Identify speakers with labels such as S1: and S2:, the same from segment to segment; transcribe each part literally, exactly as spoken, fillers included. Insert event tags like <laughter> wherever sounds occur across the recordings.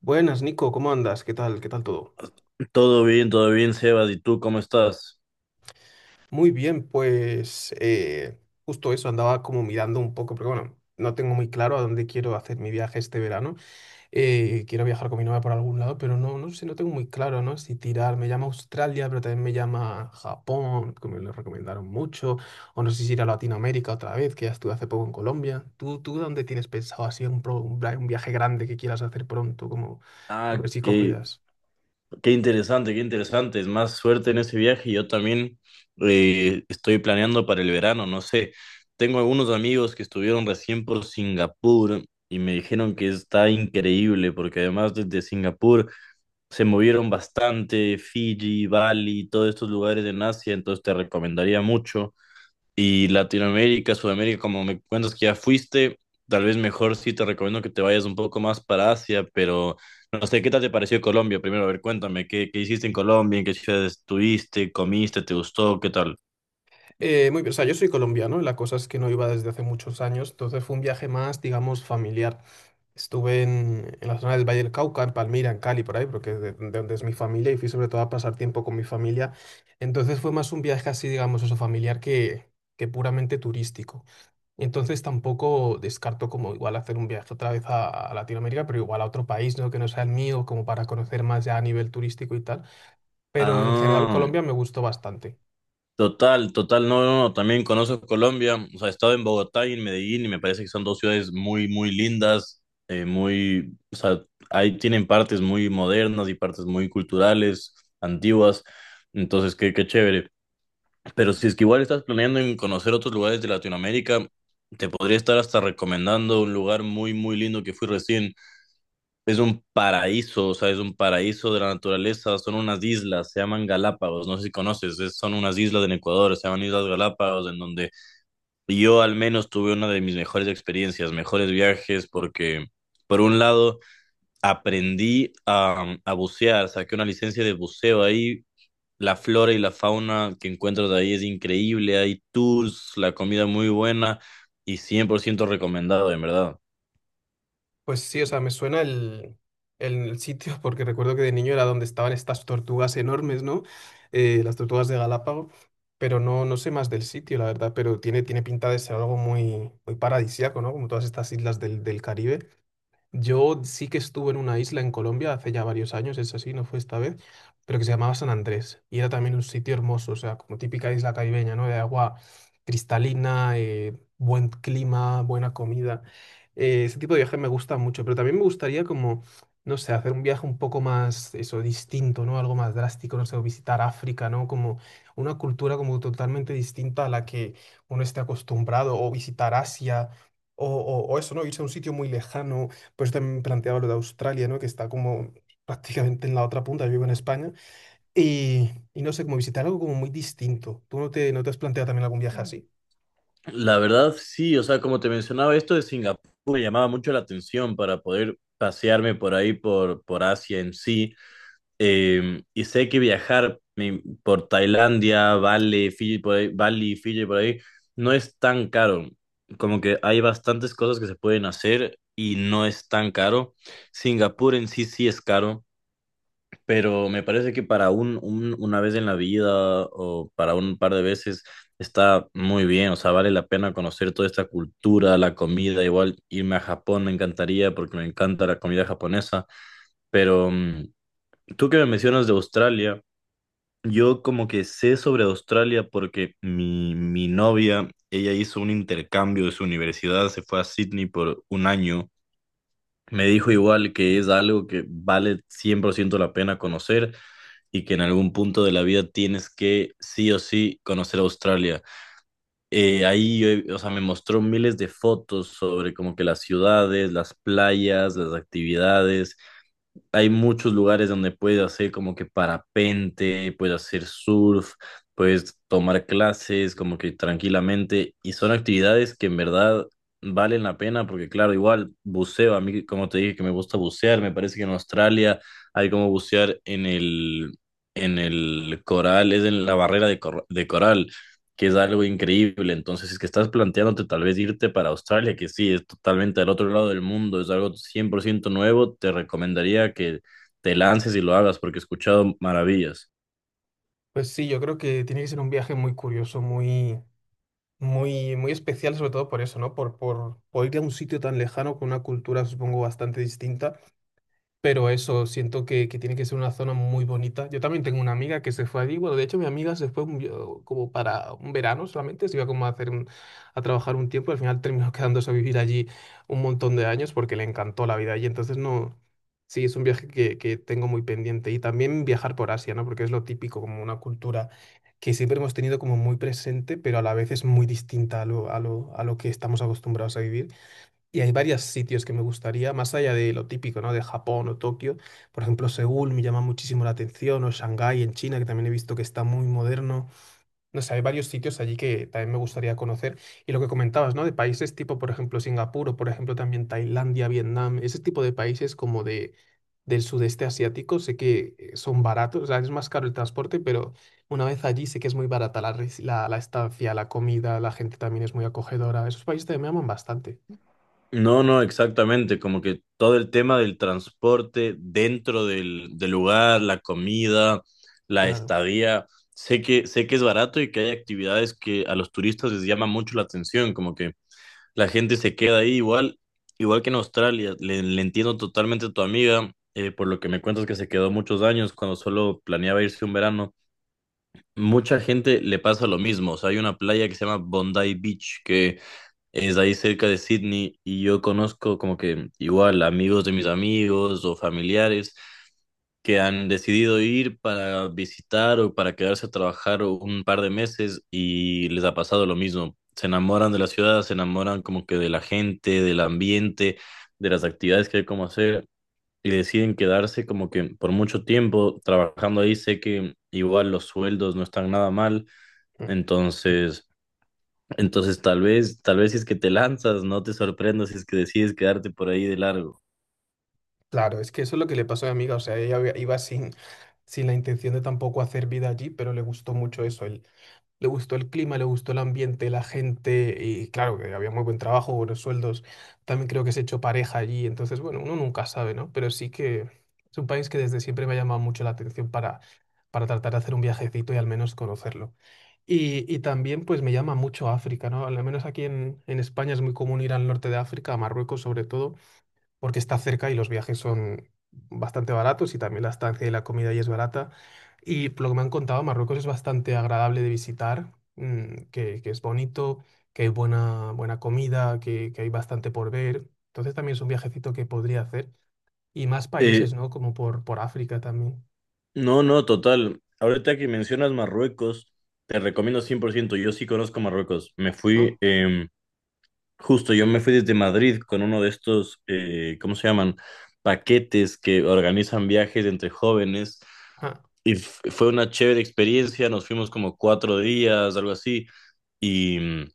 S1: Buenas, Nico, ¿cómo andas? ¿Qué tal? ¿Qué tal todo?
S2: Todo bien, todo bien, Sebas. ¿Y tú cómo estás?
S1: Muy bien, pues eh, justo eso, andaba como mirando un poco, porque bueno, no tengo muy claro a dónde quiero hacer mi viaje este verano. Eh, quiero viajar con mi novia por algún lado, pero no, no sé, no tengo muy claro, ¿no? Si tirar, me llama Australia, pero también me llama Japón, que me lo recomendaron mucho, o no sé si ir a Latinoamérica otra vez, que ya estuve hace poco en Colombia. ¿Tú, tú dónde tienes pensado así un, pro- un, via- un viaje grande que quieras hacer pronto, como por
S2: Ah,
S1: ver si cojo
S2: qué,
S1: ideas?
S2: qué interesante, qué interesante. Es más suerte en ese viaje. Yo también eh, estoy planeando para el verano. No sé, tengo algunos amigos que estuvieron recién por Singapur y me dijeron que está increíble porque además desde Singapur se movieron bastante, Fiji, Bali, todos estos lugares en Asia. Entonces te recomendaría mucho. Y Latinoamérica, Sudamérica, como me cuentas que ya fuiste, tal vez mejor sí te recomiendo que te vayas un poco más para Asia, pero no sé, ¿qué tal te pareció Colombia? Primero, a ver, cuéntame, ¿qué, qué hiciste en Colombia? ¿En qué ciudades estuviste? ¿Comiste? ¿Te gustó? ¿Qué tal?
S1: Eh, muy bien, o sea, yo soy colombiano, la cosa es que no iba desde hace muchos años, entonces fue un viaje más, digamos, familiar. Estuve en, en la zona del Valle del Cauca, en Palmira, en Cali, por ahí, porque de, de donde es mi familia, y fui sobre todo a pasar tiempo con mi familia. Entonces fue más un viaje así, digamos, eso, familiar que, que puramente turístico. Entonces tampoco descarto como igual hacer un viaje otra vez a, a Latinoamérica, pero igual a otro país, ¿no? Que no sea el mío, como para conocer más ya a nivel turístico y tal. Pero en general
S2: Ah,
S1: Colombia me gustó bastante.
S2: total, total, no, no, no, también conozco Colombia, o sea, he estado en Bogotá y en Medellín y me parece que son dos ciudades muy, muy lindas, eh, muy, o sea, ahí tienen partes muy modernas y partes muy culturales, antiguas. Entonces, qué, qué chévere. Pero si es que igual estás planeando en conocer otros lugares de Latinoamérica, te podría estar hasta recomendando un lugar muy, muy lindo que fui recién. Es un paraíso, o sea, es un paraíso de la naturaleza. Son unas islas, se llaman Galápagos, no sé si conoces, es- son unas islas en Ecuador, se llaman Islas Galápagos, en donde yo al menos tuve una de mis mejores experiencias, mejores viajes, porque por un lado aprendí a, a bucear, saqué una licencia de buceo ahí. La flora y la fauna que encuentras ahí es increíble, hay tours, la comida muy buena y cien por ciento recomendado, en verdad.
S1: Pues sí, o sea, me suena el, el sitio <laughs> porque recuerdo que de niño era donde estaban estas tortugas enormes, ¿no? Eh, las tortugas de Galápagos, pero no, no sé más del sitio, la verdad, pero tiene, tiene pinta de ser algo muy, muy paradisíaco, ¿no? Como todas estas islas del, del Caribe. Yo sí que estuve en una isla en Colombia hace ya varios años, es así, no fue esta vez, pero que se llamaba San Andrés y era también un sitio hermoso, o sea, como típica isla caribeña, ¿no? De agua cristalina, eh, buen clima, buena comida. Eh, ese tipo de viajes me gusta mucho, pero también me gustaría como, no sé, hacer un viaje un poco más, eso, distinto, ¿no? Algo más drástico, no sé, o visitar África, ¿no? Como una cultura como totalmente distinta a la que uno esté acostumbrado, o visitar Asia. O, o- o eso, ¿no? Irse a un sitio muy lejano pues también planteaba lo de Australia, ¿no? Que está como prácticamente en la otra punta, yo vivo en España. Y, y no sé, como visitar algo como muy distinto. ¿Tú no te, no te has planteado también algún viaje así?
S2: La verdad, sí, o sea, como te mencionaba, esto de Singapur me llamaba mucho la atención para poder pasearme por ahí, por, por Asia en sí. Eh, y sé que viajar mi- por Tailandia, Bali, Fiji, por ahí, Bali, Fiji, por ahí, no es tan caro. Como que hay bastantes cosas que se pueden hacer y no es tan caro. Singapur en sí sí es caro. Pero me parece que para un, un- una vez en la vida o para un par de veces está muy bien, o sea, vale la pena conocer toda esta cultura, la comida. Igual irme a Japón me encantaría porque me encanta la comida japonesa, pero mm, tú que me mencionas de Australia, yo como que sé sobre Australia porque mi, mi novia, ella hizo un intercambio de su universidad, se fue a Sydney por un año. Me dijo igual que es algo que vale cien por ciento la pena conocer y que en algún punto de la vida tienes que sí o sí conocer Australia. Eh, ahí, yo he- o sea, me mostró miles de fotos sobre como que las ciudades, las playas, las actividades, hay muchos lugares donde puedes hacer como que parapente, puedes hacer surf, puedes tomar clases como que tranquilamente y son actividades que en verdad valen la pena, porque claro, igual buceo, a mí como te dije que me gusta bucear, me parece que en Australia hay como bucear en el, en el coral, es en la barrera de, cor- de coral, que es algo increíble. Entonces, si es que estás planteándote tal vez irte para Australia, que sí, es totalmente al otro lado del mundo, es algo cien por ciento nuevo, te recomendaría que te lances y lo hagas porque he escuchado maravillas.
S1: Pues sí, yo creo que tiene que ser un viaje muy curioso, muy, muy, muy especial, sobre todo por eso, ¿no? Por, por, por ir a un sitio tan lejano con una cultura, supongo, bastante distinta. Pero eso, siento que, que tiene que ser una zona muy bonita. Yo también tengo una amiga que se fue allí. Bueno, de hecho, mi amiga se fue un- yo- como para un verano solamente. Se iba como a hacer un- a trabajar un tiempo. Al final terminó <laughs> quedándose a vivir allí un montón de años porque le encantó la vida allí. Entonces, no. Sí, es un viaje que, que tengo muy pendiente. Y también viajar por Asia, ¿no? Porque es lo típico, como una cultura que siempre hemos tenido como muy presente, pero a la vez es muy distinta a lo, a lo, a lo que estamos acostumbrados a vivir. Y hay varios sitios que me gustaría, más allá de lo típico, ¿no? De Japón o Tokio. Por ejemplo, Seúl me llama muchísimo la atención, o Shanghái en China, que también he visto que está muy moderno. No sé, hay varios sitios allí que también me gustaría conocer. Y lo que comentabas, ¿no? De países tipo, por ejemplo, Singapur, o por ejemplo, también Tailandia, Vietnam, ese tipo de países como de, del sudeste asiático, sé que eh, son baratos, o sea, es más caro el transporte, pero una vez allí sé que es muy barata la, res- la, la estancia, la comida, la gente también es muy acogedora. Esos países también me aman bastante,
S2: No, no, exactamente, como que todo el tema del transporte dentro del, del lugar, la comida, la
S1: claro.
S2: estadía, sé que, sé que es barato y que hay actividades que a los turistas les llama mucho la atención, como que la gente se queda ahí igual, igual que en Australia. Le, le entiendo totalmente a tu amiga, eh, por lo que me cuentas que se quedó muchos años cuando solo planeaba irse un verano. Mucha gente le pasa lo mismo. O sea, hay una playa que se llama Bondi Beach, que es ahí cerca de Sydney y yo conozco como que igual amigos de mis amigos o familiares que han decidido ir para visitar o para quedarse a trabajar un par de meses y les ha pasado lo mismo. Se enamoran de la ciudad, se enamoran como que de la gente, del ambiente, de las actividades que hay como hacer y deciden quedarse como que por mucho tiempo trabajando ahí. Sé que igual los sueldos no están nada mal,
S1: Mm,
S2: entonces. Entonces, tal vez, tal vez si es que te lanzas, no te sorprendas si es que decides quedarte por ahí de largo.
S1: claro, es que eso es lo que le pasó a mi amiga, o sea, ella había- iba sin, sin la intención de tampoco hacer vida allí, pero le gustó mucho eso, el- le gustó el clima, le gustó el ambiente, la gente, y claro, que había muy buen trabajo, buenos sueldos, también creo que se echó pareja allí, entonces, bueno, uno nunca sabe, ¿no? Pero sí que es un país que desde siempre me ha llamado mucho la atención para, para tratar de hacer un viajecito y al menos conocerlo. Y, y también pues me llama mucho África, ¿no? Al menos aquí en, en España es muy común ir al norte de África, a Marruecos sobre todo, porque está cerca y los viajes son bastante baratos y también la estancia y la comida ahí es barata. Y por lo que me han contado, Marruecos es bastante agradable de visitar, mm, que, que es bonito, que hay buena, buena comida, que, que hay bastante por ver. Entonces también es un viajecito que podría hacer. Y más
S2: Eh,
S1: países, ¿no? Como por, por África también.
S2: no, no, total. Ahorita que mencionas Marruecos, te recomiendo cien por ciento. Yo sí conozco Marruecos. Me fui,
S1: ¿No?
S2: em, justo yo me fui desde Madrid con uno de estos, eh, ¿cómo se llaman? Paquetes que organizan viajes entre jóvenes. Y f- fue una chévere experiencia, nos fuimos como cuatro días, algo así, y mm,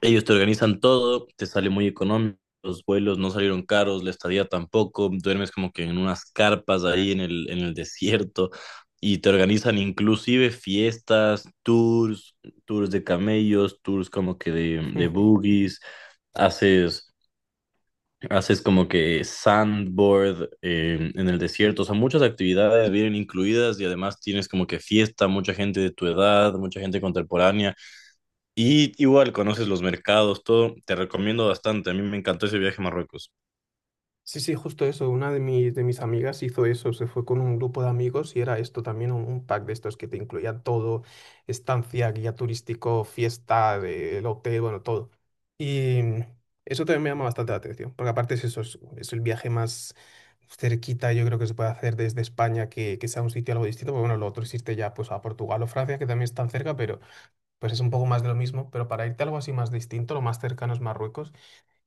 S2: Ellos te organizan todo, te sale muy económico, los vuelos no salieron caros, la estadía tampoco, duermes como que en unas carpas ahí en el, en el desierto y te organizan inclusive fiestas, tours, tours de camellos, tours como que de, de buggies, haces, haces como que sandboard eh, en el desierto. O sea, muchas actividades vienen incluidas y además tienes como que fiesta, mucha gente de tu edad, mucha gente contemporánea y igual conoces los mercados, todo. Te recomiendo bastante. A mí me encantó ese viaje a Marruecos.
S1: Sí, sí, justo eso. Una de mis, de mis amigas hizo eso. Se fue con un grupo de amigos y era esto también, un, un pack de estos que te incluía todo, estancia, guía turístico, fiesta, de- el hotel, bueno, todo. Y mm, eso también me llama bastante la atención, porque aparte es eso, es, es el viaje más cerquita, yo creo que se puede hacer desde España, que, que sea un sitio algo distinto, porque bueno, lo otro existe ya pues a Portugal o Francia, que también están cerca, pero pues es un poco más de lo mismo. Pero para irte a algo así más distinto, lo más cercano es Marruecos.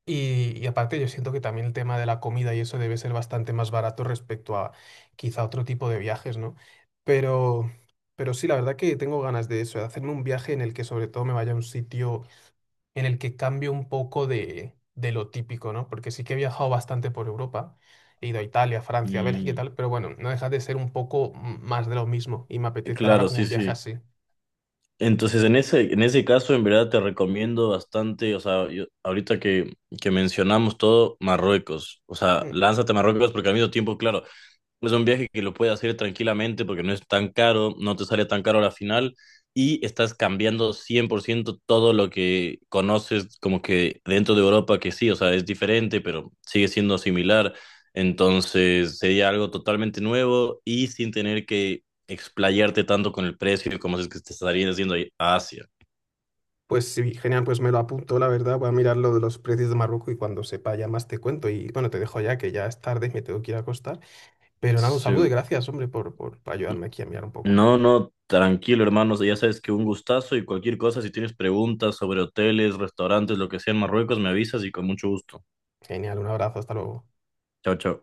S1: Y, y aparte yo siento que también el tema de la comida y eso debe ser bastante más barato respecto a quizá otro tipo de viajes, ¿no? Pero, pero sí, la verdad que tengo ganas de eso, de hacerme un viaje en el que sobre todo me vaya a un sitio en el que cambie un poco de, de lo típico, ¿no? Porque sí que he viajado bastante por Europa, he ido a Italia, Francia, Bélgica y
S2: Mm,
S1: tal, pero bueno, no deja de ser un poco mm, más de lo mismo y me
S2: eh,
S1: apetece ahora
S2: Claro,
S1: como
S2: sí,
S1: un viaje
S2: sí.
S1: así.
S2: Entonces, en ese, en ese caso, en verdad te recomiendo bastante, o sea, yo- ahorita que, que mencionamos todo, Marruecos. O sea, lánzate a Marruecos porque al mismo tiempo, claro, es un viaje que lo puedes hacer tranquilamente porque no es tan caro, no te sale tan caro a la final y estás cambiando cien por ciento todo lo que conoces como que dentro de Europa, que sí, o sea, es diferente, pero sigue siendo similar. Entonces sería algo totalmente nuevo y sin tener que explayarte tanto con el precio como si es que te estarías haciendo a Asia.
S1: Pues sí, genial, pues me lo apunto, la verdad, voy a mirar lo de los precios de Marruecos y cuando sepa ya más te cuento. Y bueno, te dejo ya que ya es tarde, me tengo que ir a acostar. Pero nada, un saludo y
S2: Sí.
S1: gracias, hombre, por, por ayudarme aquí a mirar un poco.
S2: No, no, tranquilo, hermano. Ya sabes que un gustazo y cualquier cosa, si tienes preguntas sobre hoteles, restaurantes, lo que sea en Marruecos, me avisas y con mucho gusto.
S1: Genial, un abrazo, hasta luego.
S2: Chao, chao.